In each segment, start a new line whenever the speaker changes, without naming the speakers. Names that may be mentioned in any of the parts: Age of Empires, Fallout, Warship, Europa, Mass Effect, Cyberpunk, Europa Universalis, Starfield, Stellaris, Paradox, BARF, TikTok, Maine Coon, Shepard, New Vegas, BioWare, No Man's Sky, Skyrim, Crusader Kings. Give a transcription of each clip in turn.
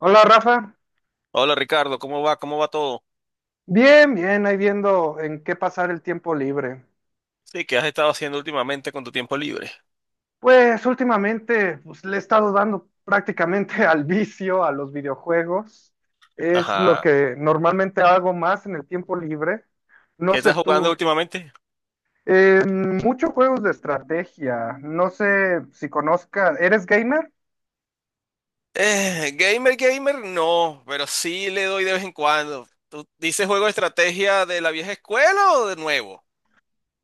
Hola Rafa,
Hola Ricardo, ¿cómo va? ¿Cómo va todo?
bien, bien, ahí viendo en qué pasar el tiempo libre.
Sí, ¿qué has estado haciendo últimamente con tu tiempo libre?
Pues últimamente pues, le he estado dando prácticamente al vicio, a los videojuegos. Es lo
Ajá.
que normalmente hago más en el tiempo libre. No
¿Qué
sé
estás jugando
tú,
últimamente?
muchos juegos de estrategia, no sé si conozcas, ¿eres gamer?
Gamer, gamer, no, pero sí le doy de vez en cuando. ¿Tú dices juego de estrategia de la vieja escuela o de nuevo?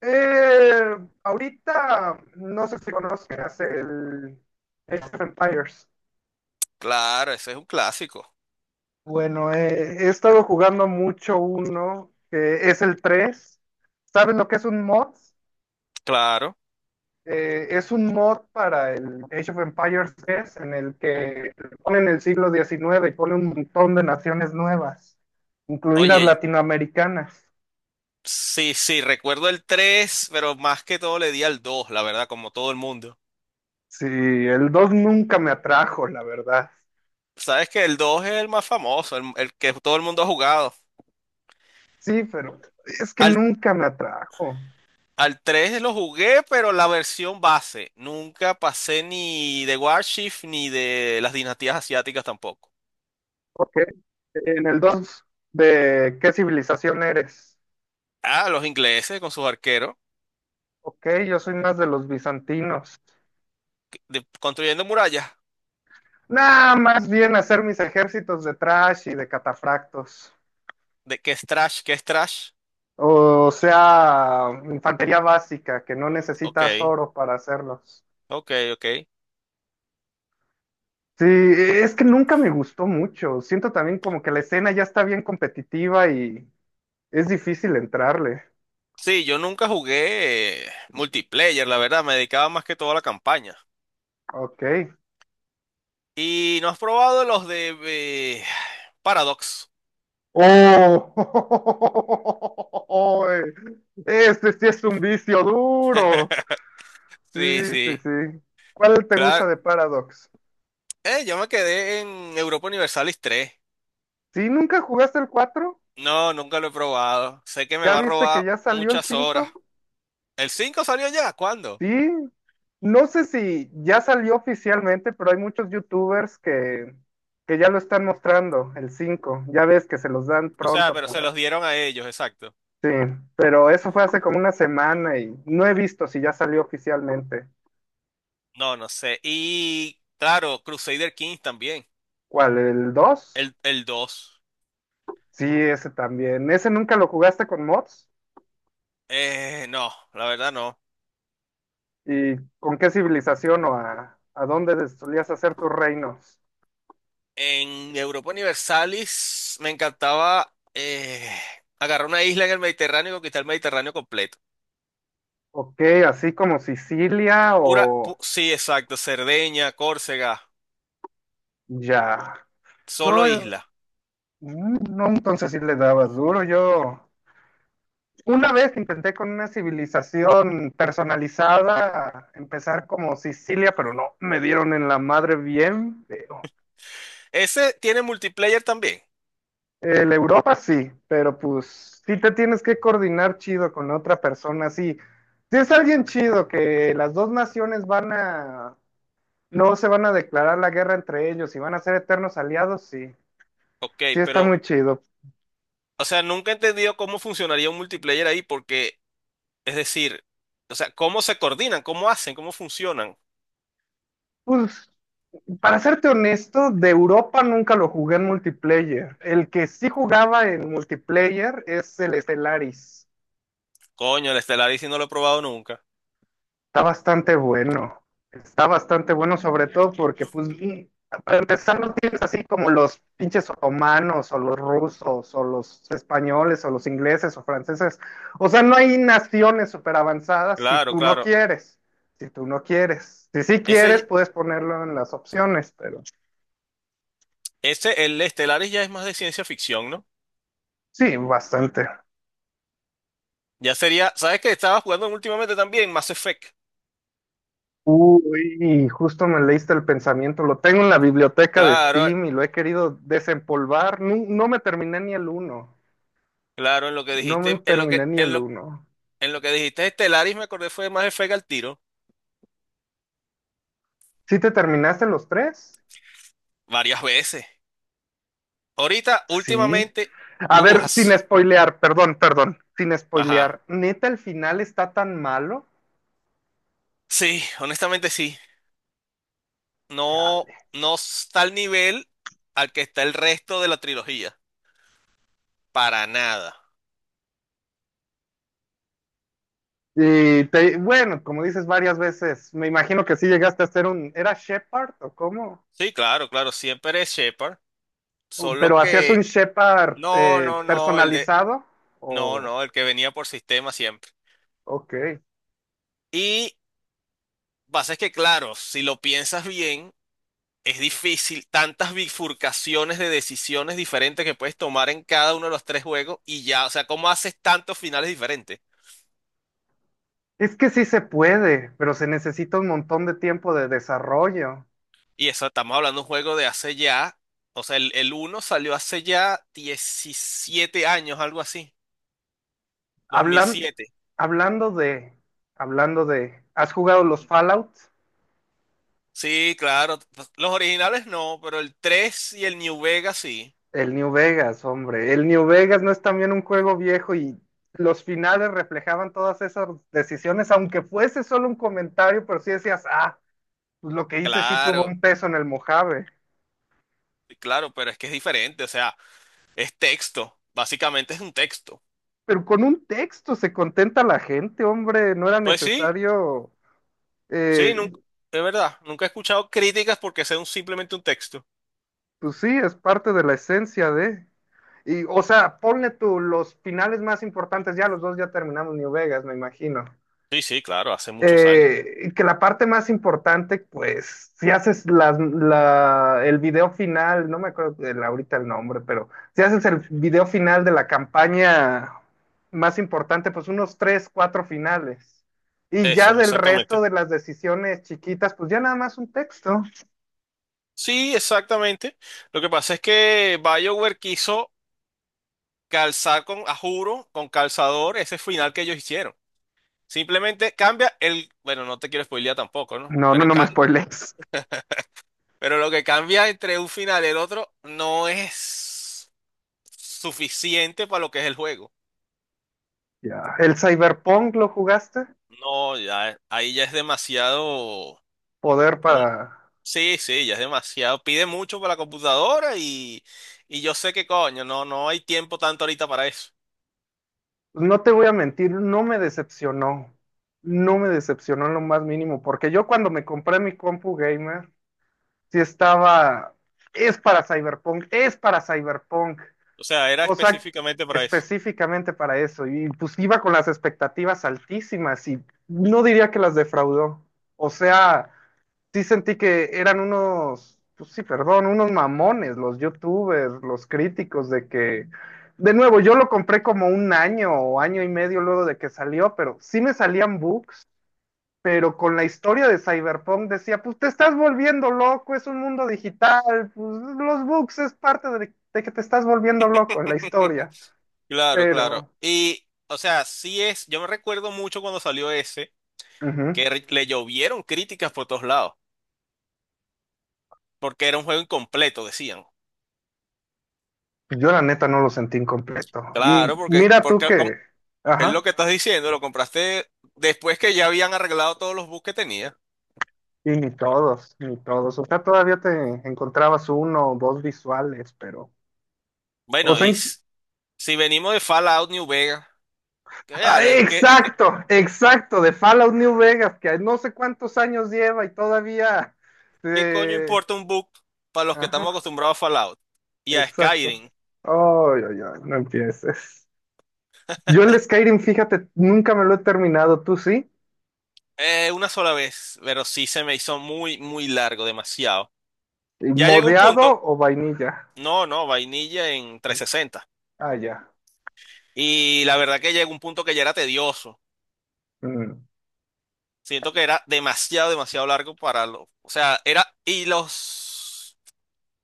Eh, ahorita no sé si conozcas el Age of Empires.
Claro, ese es un clásico.
Bueno, he estado jugando mucho uno, que es el 3. ¿Saben lo que es un mod?
Claro.
Es un mod para el Age of Empires 3, en el que ponen el siglo XIX y ponen un montón de naciones nuevas, incluidas
Oye,
latinoamericanas.
sí, sí, recuerdo el 3, pero más que todo le di al 2, la verdad, como todo el mundo.
Sí, el 2 nunca me atrajo, la verdad.
Sabes que el 2 es el más famoso, el que todo el mundo ha jugado.
Sí, pero es que
Al
nunca me atrajo.
Al 3 lo jugué, pero la versión base. Nunca pasé ni de Warship ni de las dinastías asiáticas tampoco.
Ok, en el dos, ¿de qué civilización eres?
Ah, los ingleses con sus arqueros
Ok, yo soy más de los bizantinos.
construyendo murallas.
Nada, más bien hacer mis ejércitos de trash y de catafractos.
¿De qué es trash? ¿Qué es trash?
O sea, infantería básica, que no
Ok,
necesitas oro para hacerlos.
ok, ok.
Sí, es que nunca me gustó mucho. Siento también como que la escena ya está bien competitiva y es difícil entrarle.
Sí, yo nunca jugué multiplayer, la verdad. Me dedicaba más que todo a la campaña.
Ok.
¿Y no has probado los de eh, Paradox?
¡Oh! Este sí es un vicio duro. Sí,
Sí,
sí,
sí.
sí. ¿Cuál te gusta
Claro.
de Paradox?
Yo me quedé en Europa Universalis 3.
¿Sí nunca jugaste el cuatro?
No, nunca lo he probado. Sé que me
¿Ya
va a
viste que
robar
ya salió el
muchas horas.
cinco?
¿El cinco salió ya? ¿Cuándo?
Sí. No sé si ya salió oficialmente, pero hay muchos youtubers que ya lo están mostrando, el 5. Ya ves que se los dan
O sea,
pronto
pero se los
para...
dieron a ellos, exacto.
Sí, pero eso fue hace como una semana y no he visto si ya salió oficialmente.
No, no sé. Y claro, Crusader Kings también.
¿Cuál? ¿El dos?
El dos.
Sí, ese también. ¿Ese nunca lo jugaste con mods?
No, la verdad no.
¿Y con qué civilización o a dónde solías hacer tus reinos?
En Europa Universalis me encantaba agarrar una isla en el Mediterráneo y conquistar el Mediterráneo completo.
Ok, así como Sicilia o
Sí, exacto. Cerdeña, Córcega,
ya.
solo
No,
isla.
mm, no, entonces sí le dabas duro. Yo una vez intenté con una civilización personalizada empezar como Sicilia, pero no, me dieron en la madre bien feo.
Ese tiene multiplayer también.
El Europa sí, pero pues sí te tienes que coordinar chido con otra persona. Sí, si es alguien chido que las dos naciones van a, no se van a declarar la guerra entre ellos y van a ser eternos aliados, sí,
Ok,
sí está
pero
muy chido.
o sea, nunca he entendido cómo funcionaría un multiplayer ahí, porque, es decir, o sea, cómo se coordinan, cómo hacen, cómo funcionan.
Pues, para serte honesto, de Europa nunca lo jugué en multiplayer. El que sí jugaba en multiplayer es el Stellaris.
Coño, el Stellaris sí no lo he probado nunca.
Está bastante bueno. Está bastante bueno, sobre todo porque, pues, mm, para empezar, no tienes así como los pinches otomanos, o los rusos, o los españoles, o los ingleses, o franceses. O sea, no hay naciones súper avanzadas si
Claro,
tú no
claro.
quieres. Si tú no quieres. Si sí quieres,
Ese,
puedes ponerlo en las opciones, pero
ese, el Stellaris ya es más de ciencia ficción, ¿no?
sí, bastante.
Ya sería, ¿sabes qué? Estaba jugando últimamente también Mass Effect.
Uy, justo me leíste el pensamiento. Lo tengo en la biblioteca de
Claro,
Steam y lo he querido desempolvar. No, me terminé ni el uno.
claro, en lo que
No me
dijiste,
terminé ni el uno.
en lo que dijiste Stellaris me acordé fue de Mass Effect al tiro,
¿Sí te terminaste los tres?
varias veces. Ahorita,
Sí.
últimamente,
A
uh,
ver,
as-
sin spoilear, perdón, perdón, sin
ajá.
spoilear. ¿Neta el final está tan malo?
Sí, honestamente sí. No,
Chale.
no está al nivel al que está el resto de la trilogía. Para nada.
Bueno, como dices varias veces, me imagino que sí llegaste a hacer un, ¿era Shepard o cómo?
Sí, claro, claro, siempre es Shepard. Solo
Pero hacías
que,
un Shepard
no, no, no, el de,
personalizado
no,
o...
no, el que venía por sistema siempre.
Ok.
Y pasa es que, claro, si lo piensas bien, es difícil tantas bifurcaciones de decisiones diferentes que puedes tomar en cada uno de los tres juegos y ya, o sea, ¿cómo haces tantos finales diferentes?
Es que sí se puede, pero se necesita un montón de tiempo de desarrollo.
Y eso, estamos hablando de un juego de hace ya, o sea, el uno salió hace ya 17 años, algo así, dos mil
Hablan-
siete
hablando de, ¿has jugado los Fallout?
Sí, claro, pues, los originales no, pero el 3 y el New Vegas sí.
El New Vegas, hombre. El New Vegas no es también un juego viejo y los finales reflejaban todas esas decisiones, aunque fuese solo un comentario, pero sí decías, ah, pues lo que hice sí tuvo
Claro,
un peso en el Mojave.
claro, pero es que es diferente, o sea, es texto, básicamente es un texto.
Pero con un texto se contenta la gente, hombre. No era
Pues sí,
necesario
sí,
eh,
nunca, es verdad, nunca he escuchado críticas porque sea un, simplemente un texto.
pues sí, es parte de la esencia de. Y, o sea, ponle tú los finales más importantes, ya los dos ya terminamos New Vegas, me imagino.
Sí, sí, claro, hace muchos años.
Y que la parte más importante, pues, si haces el video final, no me acuerdo ahorita el nombre, pero si haces el video final de la campaña más importante, pues unos tres, cuatro finales. Y ya
Eso,
del resto
exactamente.
de las decisiones chiquitas, pues ya nada más un texto.
Sí, exactamente. Lo que pasa es que BioWare quiso calzar con, a juro, con calzador ese final que ellos hicieron. Simplemente cambia el, bueno, no te quiero spoilear tampoco, ¿no?
No, no, no me spoiles.
Pero lo que cambia entre un final y el otro no es suficiente para lo que es el juego.
Ya. ¿El Cyberpunk lo jugaste?
No, ya, ahí ya es demasiado.
Poder
mu-
para...
Sí, sí, ya es demasiado. Pide mucho para la computadora y yo sé que coño, no, no hay tiempo tanto ahorita para eso.
No te voy a mentir, no me decepcionó. No me decepcionó en lo más mínimo, porque yo cuando me compré mi compu gamer, sí estaba... Es para Cyberpunk, es para Cyberpunk.
O sea, era
O sea,
específicamente para eso.
específicamente para eso. Y pues iba con las expectativas altísimas y no diría que las defraudó. O sea... sí sentí que eran unos, pues sí, perdón, unos mamones, los youtubers, los críticos de que, de nuevo, yo lo compré como un año o año y medio luego de que salió, pero sí me salían bugs, pero con la historia de Cyberpunk decía, pues te estás volviendo loco, es un mundo digital, pues los bugs es parte de que te estás volviendo loco en la historia,
Claro, claro.
pero...
Y, o sea, sí es, yo me recuerdo mucho cuando salió ese,
ujú.
le llovieron críticas por todos lados, porque era un juego incompleto, decían.
Yo la neta no lo sentí incompleto. Y
Claro, porque,
mira tú
porque com-
que...
es lo
Ajá.
que estás diciendo, lo compraste después que ya habían arreglado todos los bugs que tenía.
Y ni todos, ni todos. O sea, todavía te encontrabas uno o dos visuales, pero. O
Bueno,
sea,
y
en-
s- si venimos de Fallout New Vegas, ¿qué,
¡Ah,
hablas?
exacto, exacto, de Fallout New Vegas, que no sé cuántos años lleva y todavía.
¿Qué coño
eh,
importa un bug para los que
Ajá,
estamos acostumbrados a Fallout y a
exacto.
Skyrim?
Ay, ay, ay, no empieces. Yo el Skyrim, fíjate, nunca me lo he terminado, ¿tú sí?
Una sola vez, pero sí se me hizo muy, muy largo, demasiado. Ya llegó un
¿Modeado
punto.
o vainilla?
No, no, vainilla en 360.
Ah, ya.
Y la verdad que llegó un punto que ya era tedioso.
Mm,
Siento que era demasiado, demasiado largo para lo. O sea, era. Y los.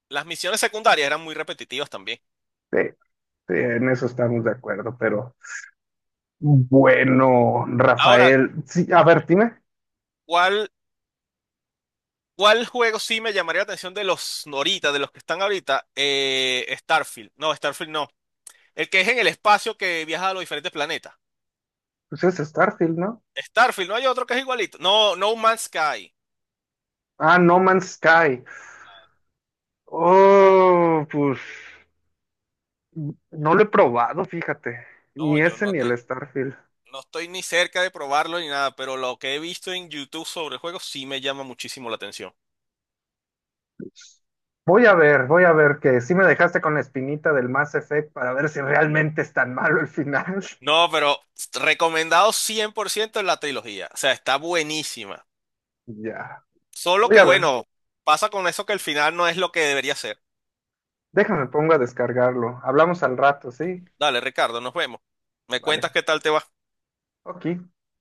Las misiones secundarias eran muy repetitivas también.
sí, sí, en eso estamos de acuerdo, pero. Bueno,
Ahora,
Rafael, sí, a ver, dime,
¿cuál, ¿cuál juego sí me llamaría la atención de los noritas, de los que están ahorita? Starfield. No, Starfield no. El que es en el espacio que viaja a los diferentes planetas.
pues es Starfield, ¿no?
Starfield, no hay otro que es igualito. No, No Man's Sky.
Ah, No Man's Sky. Oh, pues no lo he probado, fíjate,
No,
ni
yo
ese
no
ni
te.
el Starfield.
No estoy ni cerca de probarlo ni nada, pero lo que he visto en YouTube sobre el juego sí me llama muchísimo la atención.
Voy a ver que sí me dejaste con la espinita del Mass Effect para ver si realmente es tan malo el final.
No, pero recomendado 100% la trilogía. O sea, está buenísima.
Ya,
Solo
voy
que
a ver,
bueno, pasa con eso que el final no es lo que debería ser.
déjame pongo a descargarlo. Hablamos al rato, ¿sí?
Dale, Ricardo, nos vemos. Me cuentas
Vale,
qué tal te va.
ok.